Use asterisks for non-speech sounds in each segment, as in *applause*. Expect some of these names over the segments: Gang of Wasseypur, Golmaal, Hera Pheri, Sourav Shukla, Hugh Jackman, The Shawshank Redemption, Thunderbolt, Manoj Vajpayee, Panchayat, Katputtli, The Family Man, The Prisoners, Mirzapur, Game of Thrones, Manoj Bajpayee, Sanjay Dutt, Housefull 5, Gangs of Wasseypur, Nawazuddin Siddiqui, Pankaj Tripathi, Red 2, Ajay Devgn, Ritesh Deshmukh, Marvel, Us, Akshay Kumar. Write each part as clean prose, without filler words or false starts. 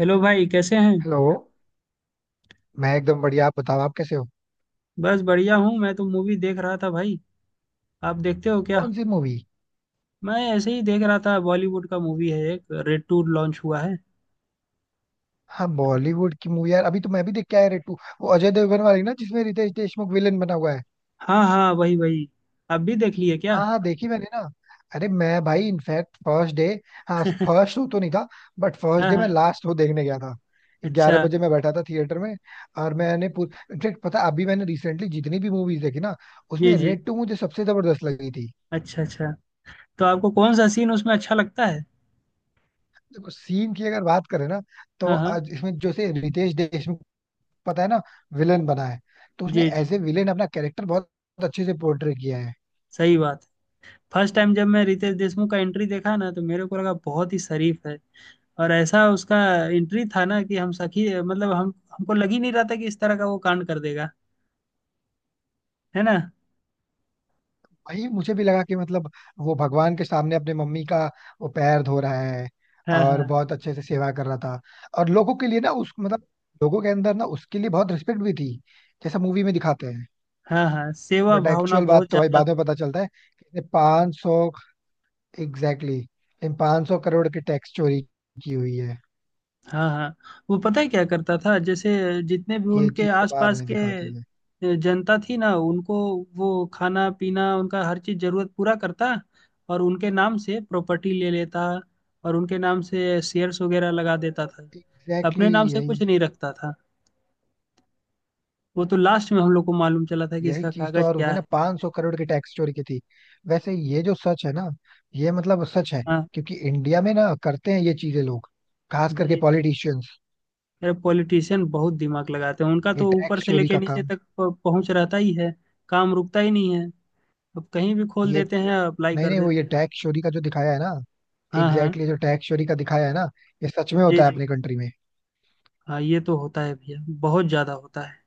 Hello भाई, कैसे हैं। हेलो. मैं एकदम बढ़िया. आप बताओ, आप कैसे हो? बस बढ़िया हूँ, मैं तो मूवी देख रहा था भाई। आप देखते हो क्या। कौन सी मूवी? मैं ऐसे ही देख रहा था, बॉलीवुड का मूवी है, एक रेड 2 लॉन्च हुआ है। हाँ, बॉलीवुड की मूवी यार. अभी तो मैं भी देख के आया रेटू, वो अजय देवगन वाली ना, जिसमें रितेश देशमुख विलेन बना हुआ है. हाँ हाँ, वही वही। आप भी देख लिए क्या। हाँ हाँ, देखी मैंने ना. अरे मैं भाई इनफैक्ट फर्स्ट डे. हाँ, फर्स्ट शो तो नहीं था. बट फर्स्ट हाँ डे मैं हाँ। लास्ट शो देखने गया था. ग्यारह अच्छा। बजे मैं बैठा था थिएटर में. और मैंने इनफैक्ट पता है, अभी मैंने रिसेंटली जितनी भी मूवीज देखी ना, जी उसमें जी। रेड टू मुझे सबसे जबरदस्त लगी थी. अच्छा अच्छा। तो आपको कौन सा सीन उसमें अच्छा लगता है। देखो, सीन की अगर बात करें ना, तो हाँ हाँ। आज इसमें जैसे रितेश देशमुख, पता है ना, विलेन बना है. तो उसने जी जी। एज ए विलेन अपना कैरेक्टर बहुत अच्छे से पोर्ट्रे किया है. सही बात है। फर्स्ट टाइम जब मैं रितेश देशमुख का एंट्री देखा ना तो मेरे को लगा बहुत ही शरीफ है। और ऐसा उसका एंट्री था ना कि हम सखी मतलब हम हमको लग ही नहीं रहा था कि इस तरह का वो कांड कर देगा। है ना। वही मुझे भी लगा कि मतलब वो भगवान के सामने अपने मम्मी का वो पैर धो रहा है हाँ और हाँ। बहुत अच्छे से सेवा कर रहा था. और लोगों के लिए ना, उस मतलब लोगों के अंदर ना उसके लिए बहुत रिस्पेक्ट भी थी, जैसा मूवी में दिखाते हैं. हाँ हाँ, सेवा बट भावना एक्चुअल बात बहुत तो भाई ज्यादा। बाद में पता चलता है कि 500. एग्जैक्टली. इन 500 करोड़ की टैक्स चोरी की हुई है. हाँ हाँ। वो पता है क्या करता था, जैसे जितने भी ये उनके चीज तो बाद आसपास में के दिखाती है. जनता थी ना उनको, वो खाना पीना उनका हर चीज जरूरत पूरा करता। और उनके नाम से प्रॉपर्टी ले लेता, और उनके नाम से शेयर्स वगैरह लगा देता था। एग्जैक्टली अपने नाम exactly. से यही. कुछ नहीं रखता था। वो तो लास्ट में हम लोग को मालूम चला था कि यही इसका चीज तो, कागज और क्या उसने ना है, कैसे। 500 करोड़ की टैक्स चोरी की थी. वैसे ये जो सच है ना, ये मतलब सच है. हाँ। क्योंकि इंडिया में ना करते हैं ये चीजें लोग, खास करके जी। पॉलिटिशियंस. यार पॉलिटिशियन बहुत दिमाग लगाते हैं, उनका ये तो ऊपर टैक्स से चोरी लेके का नीचे काम. तक पहुंच रहता ही है। काम रुकता ही नहीं है। अब कहीं भी खोल ये देते हैं, अप्लाई नहीं कर नहीं, वो देते ये हैं। टैक्स चोरी का जो दिखाया है ना. हाँ हाँ। एग्जैक्टली exactly, जो टैक्स चोरी का दिखाया है ना, ये सच में जी होता है जी। अपनी कंट्री में. हाँ, ये तो होता है भैया, बहुत ज्यादा होता है।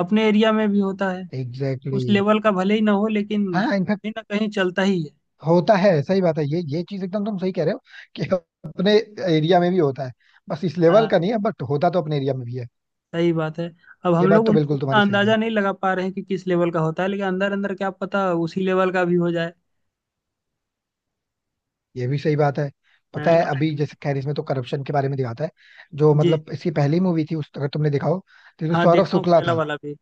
अपने एरिया में भी होता है। एग्जैक्टली उस exactly. लेवल का भले ही ना हो, लेकिन हाँ इनफैक्ट. कहीं ना कहीं चलता ही है। होता है. सही बात है. ये चीज एकदम. तुम सही कह रहे हो *laughs* कि अपने एरिया में भी होता है. बस इस लेवल हाँ, का नहीं है बट होता तो अपने एरिया में भी है. सही बात है। अब ये हम बात लोग तो बिल्कुल उतना तुम्हारी सही है. अंदाजा नहीं लगा पा रहे हैं कि किस लेवल का होता है, लेकिन अंदर अंदर क्या पता उसी लेवल का भी हो जाए। ये भी सही बात है. हाँ। पता है, अभी जैसे खैर इसमें तो करप्शन के बारे में दिखाता है. जो जी। मतलब इसकी पहली मूवी थी, उस अगर तुमने देखा हो, तो इसमें हाँ, सौरव देखा हूँ शुक्ला पहला था. वाला भी।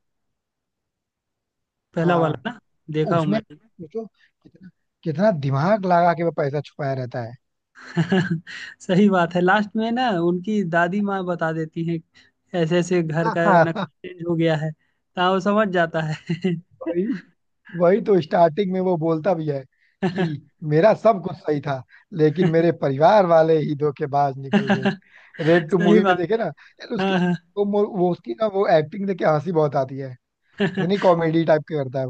हाँ पहला वाला हाँ. ना। देखा हूँ उसमें मैं। सोचो कितना कितना दिमाग लगा के वो पैसा छुपाया रहता है. *laughs* सही बात है, लास्ट में ना उनकी दादी माँ बता देती है, ऐसे ऐसे घर का नक्शा *laughs* चेंज हो गया है, तो वो समझ जाता है। *laughs* वही. वही तो स्टार्टिंग में वो बोलता भी है कि मेरा सब कुछ सही था लेकिन मेरे परिवार वाले ही धोखेबाज निकल गए. रेड टू सही मूवी में बात देखे है। ना यार उसके. हाँ हाँ। वो वो उसकी ना वो एक्टिंग देख के हंसी बहुत आती है. इतनी *laughs* कॉमेडी टाइप की करता है.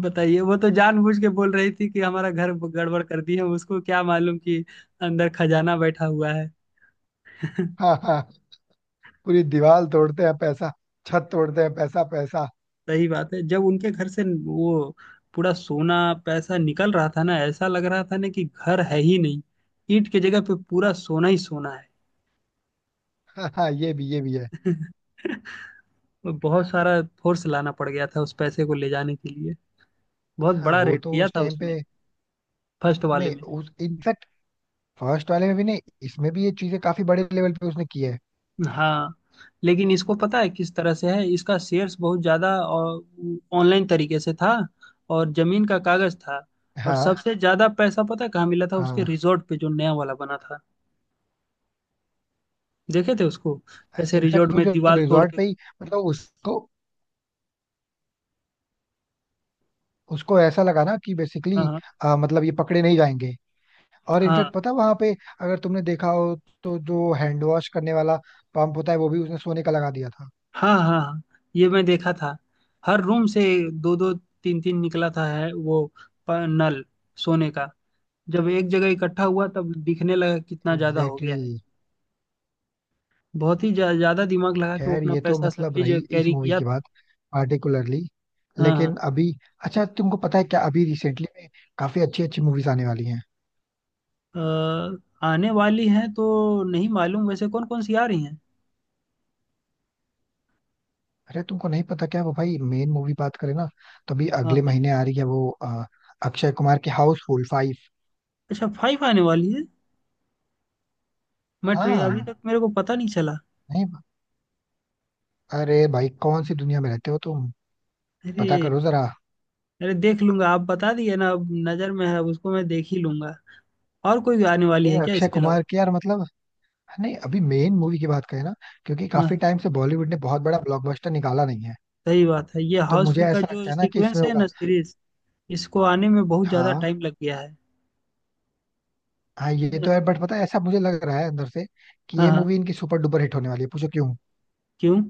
बताइए, वो तो जानबूझ के बोल रही थी कि हमारा घर गड़बड़ कर दी है, उसको क्या मालूम कि अंदर खजाना बैठा हुआ है। *laughs* वो *laughs* पूरी दीवार तोड़ते हैं पैसा, छत तोड़ते हैं पैसा पैसा. सही बात है, जब उनके घर से वो पूरा सोना पैसा निकल रहा था ना, ऐसा लग रहा था ना कि घर है ही नहीं। ईंट की जगह पे पूरा सोना ही सोना है। हाँ हाँ, ये भी है. *laughs* बहुत सारा फोर्स लाना पड़ गया था उस पैसे को ले जाने के लिए। बहुत हाँ, बड़ा वो रेट तो किया उस था टाइम उसमें। पे. फर्स्ट वाले नहीं, में। उस इनफैक्ट फर्स्ट वाले में भी नहीं. इसमें भी ये चीजें काफी बड़े लेवल पे उसने की है. हाँ, लेकिन इसको पता है किस तरह से है, इसका शेयर्स बहुत ज्यादा और ऑनलाइन तरीके से था, और जमीन का कागज था। और हाँ सबसे ज्यादा पैसा पता है कहाँ मिला था, उसके हाँ रिजॉर्ट पे जो नया वाला बना था। देखे थे उसको, कैसे इनफैक्ट. रिजॉर्ट वो में जो दीवार तोड़ रिजॉर्ट के। पे ही मतलब उसको उसको ऐसा लगा ना कि हाँ बेसिकली हाँ मतलब ये पकड़े नहीं जाएंगे. और इनफैक्ट हाँ। पता वहां पे, अगर तुमने देखा हो, तो जो हैंड वॉश करने वाला पंप होता है वो भी उसने सोने का लगा दिया था. हाँ हाँ हाँ, ये मैं देखा था, हर रूम से दो दो तीन तीन निकला था, है वो नल, सोने का। जब एक जगह इकट्ठा हुआ तब दिखने लगा कितना ज्यादा हो गया एग्जैक्टली. है। बहुत ही ज्यादा दिमाग लगा के वो खैर, अपना ये तो पैसा सब मतलब चीज रही इस कैरी मूवी किया की था। बात, पार्टिकुलरली. हाँ लेकिन हाँ। अभी, अच्छा तुमको पता है क्या अभी रिसेंटली में काफी अच्छी अच्छी मूवीज आने वाली हैं? आने वाली है तो नहीं मालूम, वैसे कौन कौन सी आ रही हैं। अरे तुमको नहीं पता क्या? वो भाई मेन मूवी बात करें ना, तो अभी हाँ अगले हाँ। महीने आ रही है वो अक्षय कुमार की हाउसफुल 5. अच्छा 5 आने वाली है। मैं ट्रे हाँ. अभी तक मेरे को पता नहीं चला। नहीं, अरे भाई कौन सी दुनिया में रहते हो तुम? अरे। पता करो जरा. अरे देख लूंगा, आप बता दिए ना, अब नजर में है, अब उसको मैं देख ही लूंगा। और कोई आने वाली अरे है क्या अक्षय इसके अलावा। कुमार की यार, मतलब नहीं, अभी मेन मूवी की बात करें ना, क्योंकि काफी हाँ, टाइम से बॉलीवुड ने बहुत बड़ा ब्लॉकबस्टर निकाला नहीं है. सही बात है, ये तो मुझे हाउसफुल का ऐसा जो लगता है ना कि सीक्वेंस इसमें है होगा. ना सीरीज, इसको आने में बहुत ज्यादा हाँ टाइम लग गया है। हाँ है ये ना। तो है, बट पता है ऐसा मुझे लग रहा है अंदर से कि हाँ ये हाँ। मूवी इनकी सुपर डुपर हिट होने वाली है. पूछो क्यों? क्यों।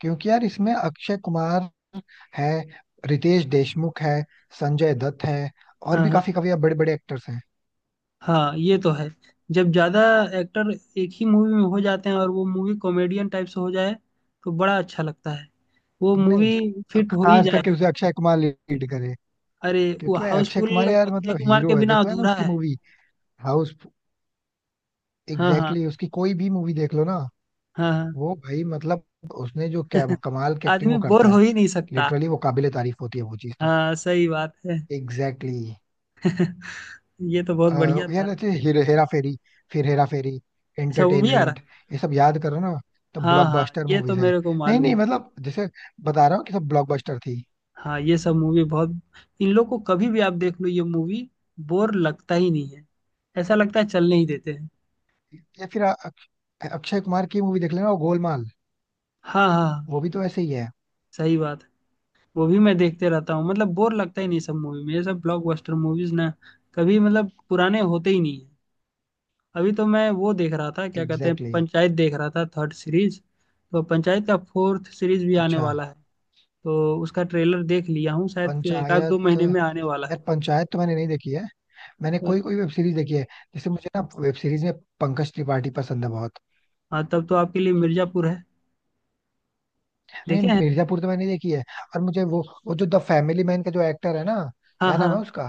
क्योंकि यार इसमें अक्षय कुमार है, रितेश देशमुख है, संजय दत्त है, और हाँ भी हाँ। काफी काफी बड़े बड़े एक्टर्स हैं. हाँ ये तो है। जब ज्यादा एक्टर एक ही मूवी में हो जाते हैं और वो मूवी कॉमेडियन टाइप से हो जाए, तो बड़ा अच्छा लगता है वो नहीं, मूवी। अब फिट हो ही खास करके जाएगा। उसे अक्षय कुमार लीड करे, अरे वो क्योंकि भाई अक्षय हाउसफुल कुमार यार अक्षय मतलब कुमार के हीरो है. बिना देखो है ना, अधूरा उसकी है। मूवी. हाउस. हाँ हाँ। एग्जैक्टली, उसकी कोई भी मूवी देख लो ना. हाँ हाँ। वो भाई मतलब उसने जो कमाल की एक्टिंग आदमी वो बोर करता हो है. ही नहीं सकता। लिटरली, वो काबिले तारीफ होती है वो चीज तो. हाँ सही बात है। एग्जैक्टली. ये तो बहुत बढ़िया था। यार, अच्छे हेरा फेरी. फिर हेरा फेरी. अच्छा वो भी आ रहा एंटरटेनमेंट. है। ये सब याद करो ना, तो हाँ हाँ, ब्लॉकबस्टर ये तो मूवीज हैं. मेरे को नहीं मालूम। नहीं, मतलब जैसे बता रहा हूँ कि सब ब्लॉकबस्टर थी. हाँ, ये सब मूवी बहुत, इन लोग को कभी भी आप देख लो ये मूवी, बोर लगता ही नहीं है। ऐसा लगता है चलने ही देते हैं। या फिर अक्षय कुमार की मूवी देख लेना, वो गोलमाल. हाँ हाँ। वो भी तो ऐसे ही है. सही बात है। वो भी मैं देखते रहता हूँ, मतलब बोर लगता ही नहीं सब मूवी में, ये सब ब्लॉकबस्टर मूवीज ना कभी मतलब पुराने होते ही नहीं है। अभी तो मैं वो देख रहा था क्या कहते हैं, एग्जैक्टली exactly. पंचायत देख रहा था थर्ड सीरीज। तो पंचायत का फोर्थ सीरीज भी आने अच्छा वाला है। तो उसका ट्रेलर देख लिया हूँ, शायद एक आध दो पंचायत. महीने में यार आने वाला है। पंचायत तो मैंने नहीं देखी है. मैंने तो। कोई कोई वेब सीरीज देखी है. जैसे मुझे ना वेब सीरीज में पंकज त्रिपाठी पसंद है बहुत. हाँ तब तो आपके लिए मिर्जापुर है। नहीं, देखे हैं। मिर्जापुर तो मैंने देखी है. और मुझे वो जो द फैमिली मैन का जो एक्टर है ना, हाँ क्या हाँ। नाम है उसका,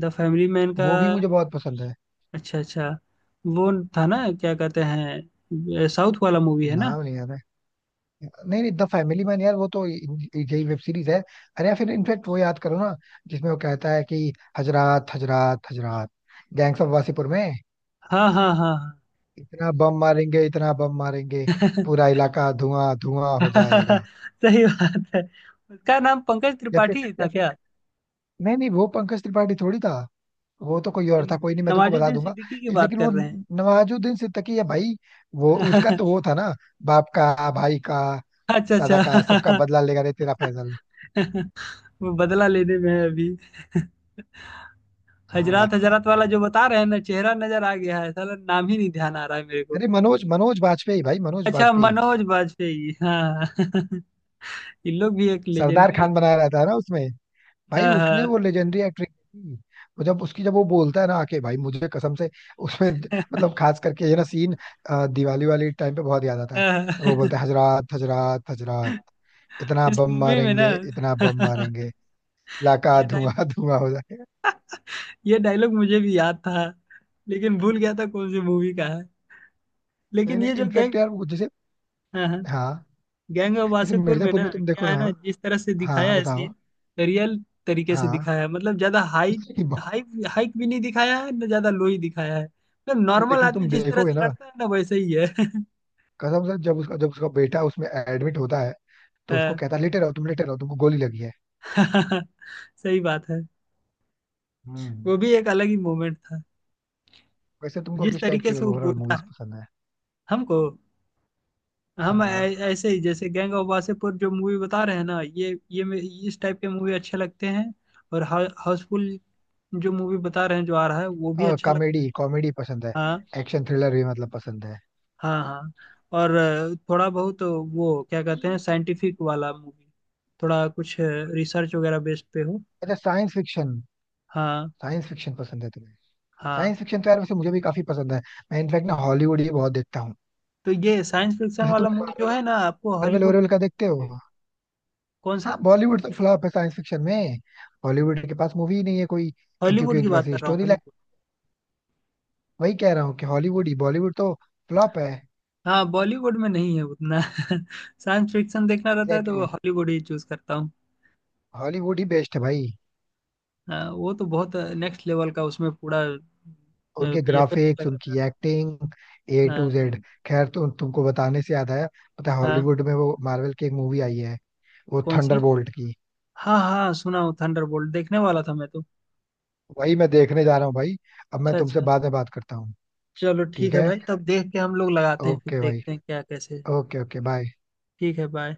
द फैमिली मैन का। वो भी मुझे बहुत पसंद है. अच्छा अच्छा। वो था ना क्या कहते हैं, साउथ वाला मूवी है ना। नाम नहीं याद है. नहीं नहीं, द फैमिली मैन यार वो तो यही वेब सीरीज है. अरे या फिर इनफेक्ट, वो याद करो ना, जिसमें वो कहता है कि हजरात हजरात हजरात, गैंग्स ऑफ वासीपुर में, हाँ हाँ हाँ। इतना बम मारेंगे इतना बम मारेंगे, *laughs* पूरा इलाका धुआं धुआं हो हाँ। जाएगा. सही बात है। उसका नाम पंकज या फिर त्रिपाठी था या फिर क्या। नहीं नहीं, वो पंकज त्रिपाठी थोड़ी था. वो तो कोई और इन- था. कोई नहीं, मैं तुमको बता नवाजुद्दीन दूंगा. सिद्दीकी की बात लेकिन कर वो, रहे हैं। नवाजुद्दीन सिद्दीकी है भाई. वो उसका तो वो *laughs* था ना, बाप का, भाई का, अच्छा दादा अच्छा। का, सबका बदला लेगा रे तेरा फैजल. *laughs* वो बदला लेने में है अभी। *laughs* हजरत हाँ. हजरत वाला जो बता रहे हैं ना, चेहरा नजर आ गया है, साला नाम ही नहीं ध्यान आ रहा है मेरे को। अरे मनोज मनोज बाजपेयी भाई, मनोज अच्छा बाजपेयी. मनोज वाजपेयी, हाँ। *laughs* इन लोग भी एक सरदार लेजेंडरी। खान बना रहा था ना उसमें. भाई हाँ उसने हाँ वो लेजेंडरी एक्ट्रेस थी. वो जब वो बोलता है ना, आके भाई मुझे कसम से, उसमें मतलब खास करके ये ना सीन दिवाली वाली टाइम पे बहुत याद आता है. हाँ, वो बोलता है हजरात हजरात हजरात, इतना इस बम मूवी में ना। मारेंगे इतना बम मारेंगे, *laughs* इलाका ये डायल धुआं धुआं हो जाएगा. ये डायलॉग मुझे भी याद था, लेकिन भूल गया था कौन सी मूवी का है। नहीं लेकिन नहीं ये जो इनफेक्ट गैंग, यार, वो जैसे, हाँ हाँ, हाँ, गैंग ऑफ जैसे वासेपुर में मिर्जापुर ना में तुम क्या देखो है ना. ना, जिस तरह से दिखाया हाँ है बताओ. सीन, रियल तरीके से हाँ दिखाया है, मतलब ज्यादा हाई, *laughs* बहुत-. हाई हाइक भी नहीं दिखाया है ना, ज्यादा लो ही दिखाया है, मतलब नॉर्मल लेकिन आदमी तुम जिस तरह देखोगे से ना लड़ता है ना वैसे ही है। *laughs* कसम से, जब उसका बेटा उसमें एडमिट होता है तो उसको हाँ। कहता है, लेटे रहो तुम, लेटे रहो, तुमको गोली लगी है. *laughs* सही बात है। हम्म. वो भी एक अलग ही मोमेंट था, वैसे तुमको जिस किस टाइप तरीके की से वो हॉरर बोलता मूवीज है। पसंद है? हमको, हम हाँ, ऐसे ही जैसे गैंग ऑफ वासेपुर जो मूवी बता रहे हैं ना, इस टाइप के मूवी अच्छे लगते हैं। और हाउसफुल जो मूवी बता रहे हैं जो आ रहा है वो भी अच्छा लगता कॉमेडी है। कॉमेडी पसंद है. हाँ एक्शन थ्रिलर भी मतलब पसंद है. हाँ। हाँ और थोड़ा बहुत वो क्या कहते हैं साइंटिफिक वाला मूवी, थोड़ा कुछ रिसर्च वगैरह बेस्ड पे हो। अच्छा, साइंस फिक्शन. हाँ साइंस फिक्शन पसंद है तुम्हें? हाँ। साइंस फिक्शन तो यार वैसे मुझे भी काफी पसंद है. मैं इनफैक्ट ना हॉलीवुड ही बहुत देखता हूँ. तो ये साइंस फिक्शन जैसे वाला तुम्हें मूवी जो मार्वल है ना, आपको मार्वल हॉलीवुड वॉरवल नहीं का देखते जाना पड़ेगा। हो? कौन हाँ, सा। बॉलीवुड तो फ्लॉप है साइंस फिक्शन में. बॉलीवुड के पास मूवी ही नहीं है कोई. क्योंकि हॉलीवुड की उनके बात पास कर रहा हूँ। स्टोरी, वही कह रहा हूँ कि हॉलीवुड ही. बॉलीवुड तो फ्लॉप है. हाँ बॉलीवुड में नहीं है उतना, *laughs* साइंस फिक्शन देखना रहता है तो एग्जैक्टली वो exactly. हॉलीवुड ही चूज करता हूँ। हॉलीवुड ही बेस्ट है भाई. हाँ, वो तो बहुत नेक्स्ट लेवल का, उसमें पूरा उनके बीएफएक्स ग्राफिक्स, लगाता उनकी एक्टिंग, ए है। टू हाँ जेड खैर, तो तुमको बताने से याद आया, पता है हाँ। हॉलीवुड में वो मार्वल की एक मूवी आई है, वो कौन सी। थंडरबोल्ट की. हाँ हाँ सुना हूँ, थंडरबोल्ट देखने वाला था मैं तो। वही मैं देखने जा रहा हूँ भाई. अब मैं अच्छा तुमसे अच्छा। बाद में बात करता हूँ. चलो ठीक ठीक है है. भाई, तब देख के हम लोग लगाते हैं, फिर ओके भाई. देखते हैं क्या कैसे है। Okay okay bye. ठीक है, बाय।